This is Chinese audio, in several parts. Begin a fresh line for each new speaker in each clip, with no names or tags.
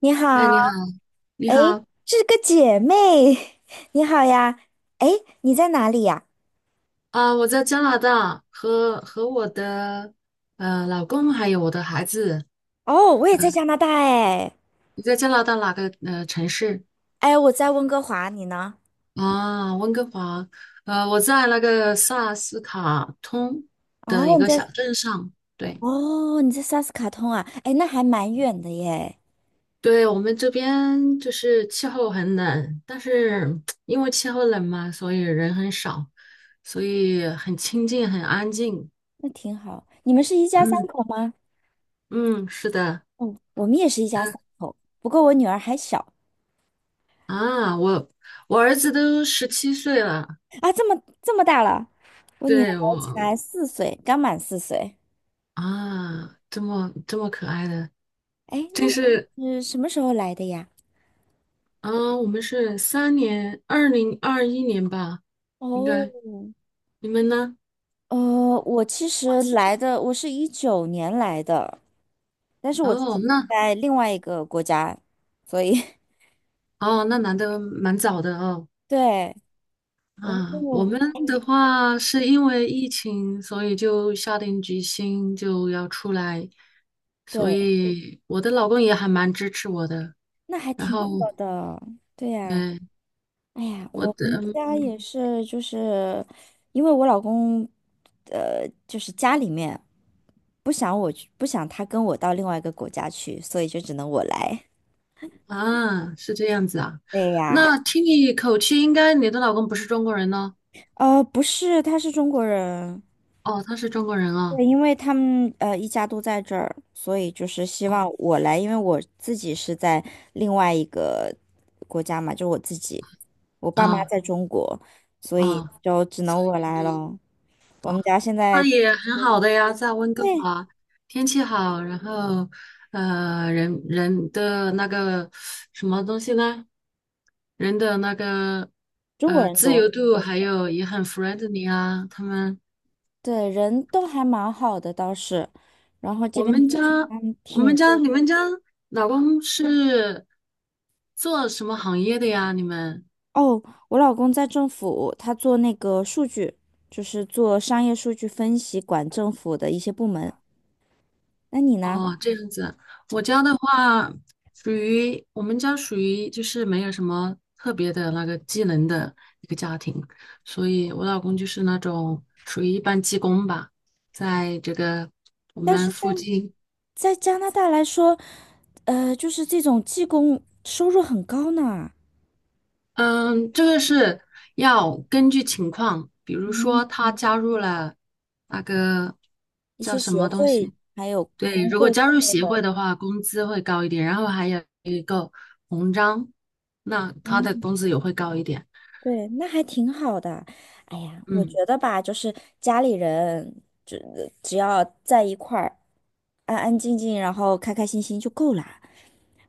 你
哎，
好，
你好，你
哎，
好，
是个姐妹，你好呀，哎，你在哪里呀？
啊，我在加拿大和我的老公还有我的孩子。
哦，我也在加拿大，哎，
你在加拿大哪个城市？
哎，我在温哥华，你呢？
啊，温哥华。我在那个萨斯卡通的一
哦，你
个
在，
小镇上。对，
哦，你在萨斯卡通啊，哎，那还蛮远的耶，
对我们这边就是气候很冷，但是因为气候冷嘛，所以人很少，所以很清静，很安静。
那挺好。你们是一家三
嗯
口吗？
嗯，是的。
嗯，我们也是一家三口，不过我女儿还小。
啊，我儿子都17岁了，
啊，这么大了，我女儿
对我
才四岁，刚满四岁。
啊，这么可爱的，
哎，那
这是。
你是什么时候来的呀？
啊，我们是3年，2021年吧，应
哦，
该你们呢？
呃，我其实来的，我是一九年来的，但是我之前
哦，那。
在另外一个国家，所以
哦，那来的蛮早的哦。
对，我，
啊，我们的话是因为疫情，所以就下定决心就要出来，所
对，
以我的老公也还蛮支持我的。
那还
然
挺
后，
好的，对呀，
嗯，
哎呀，
我
我
的。
们家
嗯。
也是，就是因为我老公，就是家里面不想我去，不想他跟我到另外一个国家去，所以就只能我来。
啊，是这样子啊。
对呀，
那听你口气，应该你的老公不是中国人呢？
不是，他是中国人。
哦，他是中国人啊，
对，因为他们一家都在这儿，所以就是希望我来，因为我自己是在另外一个国家嘛，就我自己，我爸妈
啊。
在中国，所以
啊，
就只能我来了。我们家现
那
在
也很好的呀，在温哥
对
华，天气好，然后人人的那个什么东西呢？人的那个
中国人
自
多，
由度，还有也很 friendly 啊。他们
对人都还蛮好的倒是，然后这
我
边
们家，
还
我
挺
们家，
多
你们家老公是做什么行业的呀？你们？
哦。我老公在政府，他做那个数据，就是做商业数据分析，管政府的一些部门。那你呢？
哦，这样子，我家的话我们家属于就是没有什么特别的那个技能的一个家庭，所以我老公就是那种属于一般技工吧，在这个我
但
们
是。
附近。
在加拿大来说，就是这种技工收入很高呢。
嗯，这个是要根据情况，比如
嗯，
说他加入了那个
一
叫
些
什
协
么东
会
西。
还有
对，
工
如果
会之
加入
类
协
的，
会的话，工资会高一点，然后还有一个红章，那他的
嗯，
工资也会高一点。
对，那还挺好的。哎呀，我
嗯，
觉得吧，就是家里人只要在一块儿，安安静静，然后开开心心就够了。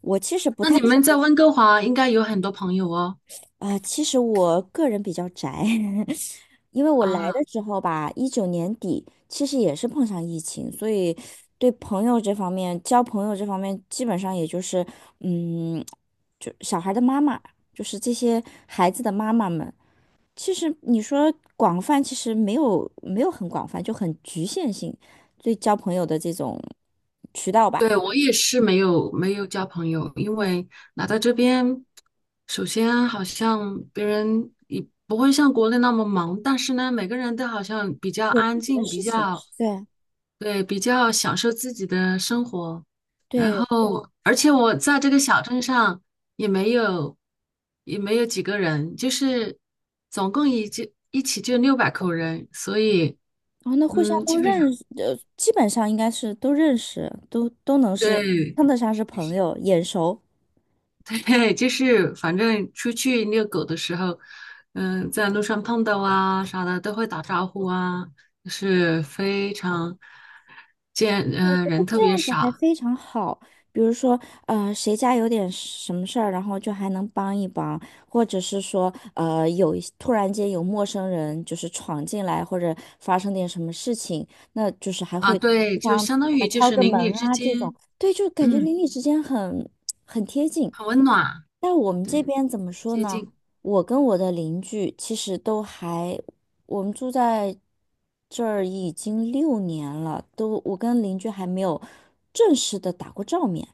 我其实不
那
太。
你们在温哥华应该有很多朋友哦。
啊，其实我个人比较宅，因为我来的
啊。
时候吧，19年底，其实也是碰上疫情，所以对朋友这方面，交朋友这方面，基本上也就是，嗯，就小孩的妈妈，就是这些孩子的妈妈们。其实你说广泛，其实没有很广泛，就很局限性，对交朋友的这种渠道吧，
对，我也是没有交朋友，因为来到这边，首先好像别人也不会像国内那么忙，但是呢，每个人都好像比较
有
安
自己的
静，比
事情，
较
对
对，比较享受自己的生活。然
对。
后，而且我在这个小镇上也没有也没有几个人，就是总共也就一起就600口人，所以
哦，那互相
嗯，
都
基本上
认识，基本上应该是都认识，都能是
对。
称得上是朋友，眼熟。
对，就是反正出去遛狗的时候，嗯，在路上碰到啊啥的都会打招呼啊，就是非常见，
我觉
嗯，
得
人特
这
别
样子还
少
非常好。比如说，谁家有点什么事儿，然后就还能帮一帮，或者是说，有一突然间有陌生人就是闯进来，或者发生点什么事情，那就是还
啊，
会
对，
互
就
相
相当
啊
于就
敲
是
个门
邻里之
啊这种，
间，
对，就感觉
嗯，
邻里之间很。
很温暖，
但我们这
对，
边怎么说
接
呢？
近
我跟我的邻居其实都还，我们住在这儿已经6年了，都我跟邻居还没有正式的打过照面。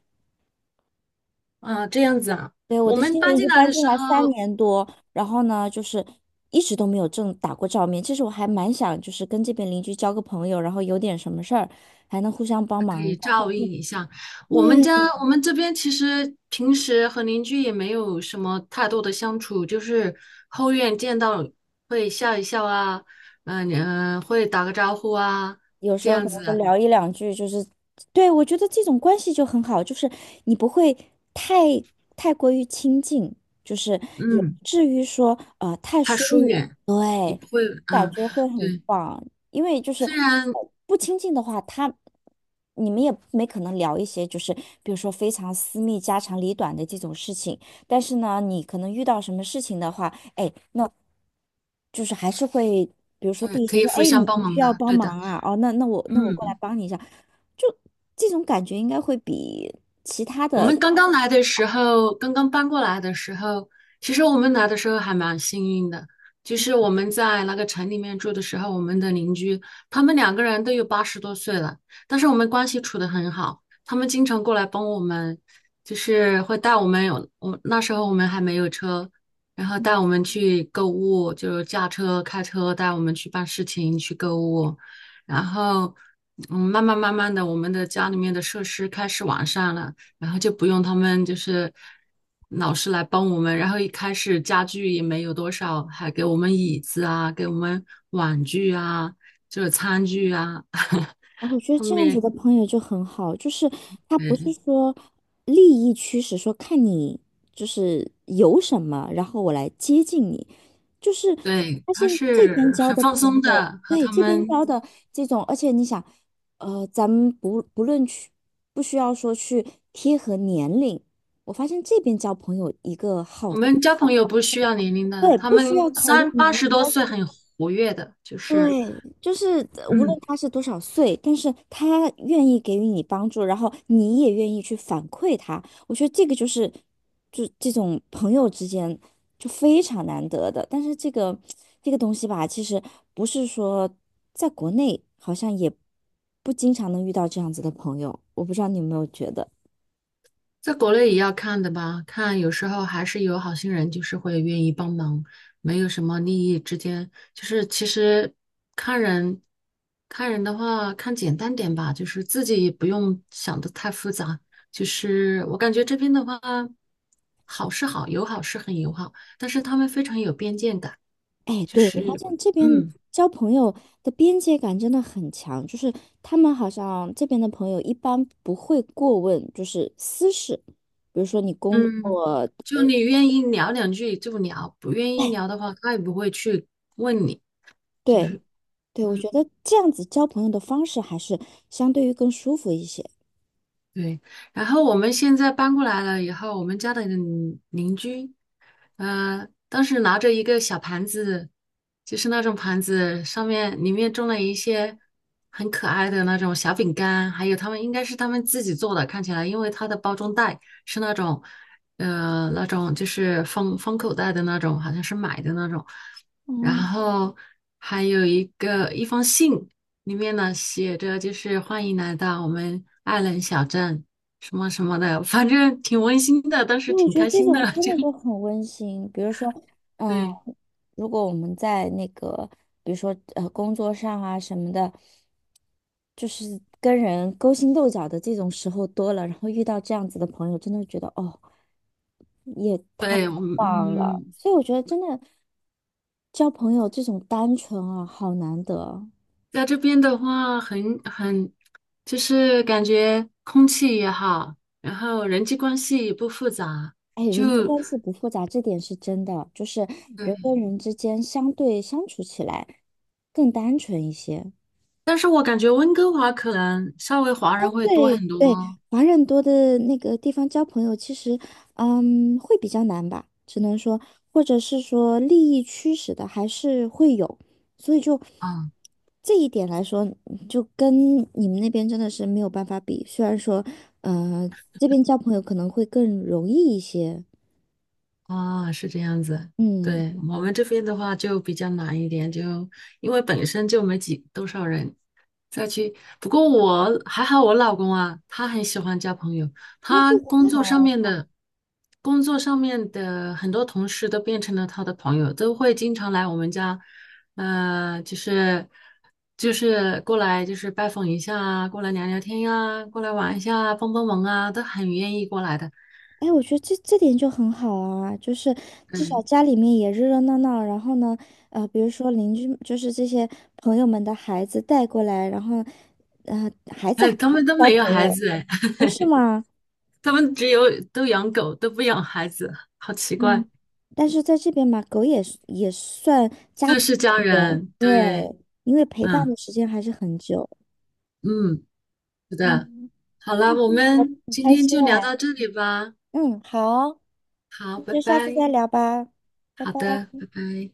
啊，这样子啊。
对，我
我
的
们
新
搬
邻居
进来
搬
的
进
时
来三
候，
年多，然后呢，就是一直都没有正打过照面。其实我还蛮想，就是跟这边邻居交个朋友，然后有点什么事儿还能互相帮忙一下。但是
我们家
对，
我们这边其实平时和邻居也没有什么太多的相处，就是后院见到会笑一笑啊，嗯、嗯、会打个招呼啊，
有时
这
候
样
可能
子。
就聊一两句，就是，对，我觉得这种关系就很好，就是你不会太太过于亲近，就是也不
嗯，
至于说太
他
疏
疏
远，
远也
对，
不会，
感
嗯，
觉会很
对，
棒，因为就是
虽然
不亲近的话，他你们也没可能聊一些就是比如说非常私密、家长里短的这种事情，但是呢，你可能遇到什么事情的话，哎。就是还是会，比如说第一
可
次
以
说，
互
哎，
相
你
帮
你
忙
需要
的，
帮
对的，
忙啊，哦，那我过来
嗯。
帮你一下，就这种感觉应该会比其他
我
的。
们刚刚来的时候，刚刚搬过来的时候，其实我们来的时候还蛮幸运的，就是我们在那个城里面住的时候，我们的邻居他们两个人都有八十多岁了，但是我们关系处得很好，他们经常过来帮我们，就是会带我们有，我那时候我们还没有车，然后带我们去购物，就是驾车、开车带我们去办事情、去购物，然后。嗯，慢慢的，我们的家里面的设施开始完善了，然后就不用他们就是老师来帮我们，然后一开始家具也没有多少，还给我们椅子啊，给我们碗具啊，就是餐具啊。
啊，我觉得
后
这样子
面，
的朋友就很好，就是他不是
嗯，
说利益驱使，说看你就是有什么，然后我来接近你。就是我
对，
发
他
现这边
是
交
很
的
放
朋
松
友，
的，和
对，
他
这边
们
交的这种，而且你想，咱们不论去，不需要说去贴合年龄，我发现这边交朋友一个
我
好，
们交朋友不需要年龄的，
对，
他
不需要
们
考虑
八
年
十
龄，
多岁很活跃的，就是
对，就是无论
嗯，
他是多少岁，但是他愿意给予你帮助，然后你也愿意去反馈他，我觉得这个就是，就这种朋友之间就非常难得的。但是这个东西吧，其实不是说在国内好像也不经常能遇到这样子的朋友，我不知道你有没有觉得。
在国内也要看的吧，看有时候还是有好心人，就是会愿意帮忙，没有什么利益之间，就是其实看人，看人的话，看简单点吧，就是自己也不用想的太复杂。就是我感觉这边的话，好是好，友好是很友好，但是他们非常有边界感，
哎，
就
对，我发
是
现这边
嗯
交朋友的边界感真的很强，就是他们好像这边的朋友一般不会过问，就是私事，比如说你工
嗯，
作，
就你愿意聊两句就聊，不愿意
哎。
聊的话，他也不会去问你，就
对
是。
对，我
嗯。
觉得这样子交朋友的方式还是相对于更舒服一些。
对，然后我们现在搬过来了以后，我们家的邻居，当时拿着一个小盘子，就是那种盘子，上面里面种了一些很可爱的那种小饼干，还有他们应该是他们自己做的，看起来，因为它的包装袋是那种，那种就是封口袋的那种，好像是买的那种，然
嗯。
后还有一封信。里面呢写着就是欢迎来到我们艾伦小镇什么什么的，反正挺温馨的，当
因
时
为我
挺
觉得
开
这
心
种
的。
真
就
的就很温馨。比如说，嗯，
对
如果我们在那个，比如说工作上啊什么的，就是跟人勾心斗角的这种时候多了，然后遇到这样子的朋友，真的觉得哦，
对，
忘了。
嗯，
所以我觉得真的交朋友这种单纯啊，好难得。
在这边的话很就是感觉空气也好，然后人际关系也不复杂，
哎，人际
就
关系不复杂，这点是真的，就是人
对。
跟人之间相对相处起来更单纯一些。
但是我感觉温哥华可能稍微华人会多
对
很多，
对，华人多的那个地方交朋友，其实，嗯，会比较难吧，只能说，或者是说利益驱使的还是会有，所以就
嗯。
这一点来说，就跟你们那边真的是没有办法比。虽然说，呃，这边交朋友可能会更容易一些，
啊，是这样子。
嗯。
对，我们这边的话就比较难一点，就因为本身就没几多少人再去。不过我还好，我老公啊，他很喜欢交朋友，
那。
他工作上面的很多同事都变成了他的朋友，都会经常来我们家，呃，就是就是过来就是拜访一下啊，过来聊聊天呀、过来玩一下啊，帮帮忙啊，都很愿意过来的。
哎，我觉得这点就很好啊，就是至少
嗯，
家里面也热热闹闹，然后呢，比如说邻居，就是这些朋友们的孩子带过来，然后
哎，他们都
交
没有
朋
孩
友，
子哎。
哦，是吗？
他们只有都养狗，都不养孩子，好奇怪。
嗯，但是在这边嘛，狗也是也算家
这
庭
是家
成员，
人，对，
对，因为陪伴
嗯
的时间还是很久。
嗯，是的。
嗯，
好了，
嗯
我
我
们
很
今
开
天
心。
就聊
哎，
到这里吧。
嗯，好哦，
好，
那
拜
就下次再
拜。
聊吧，拜
好
拜。
的，拜拜。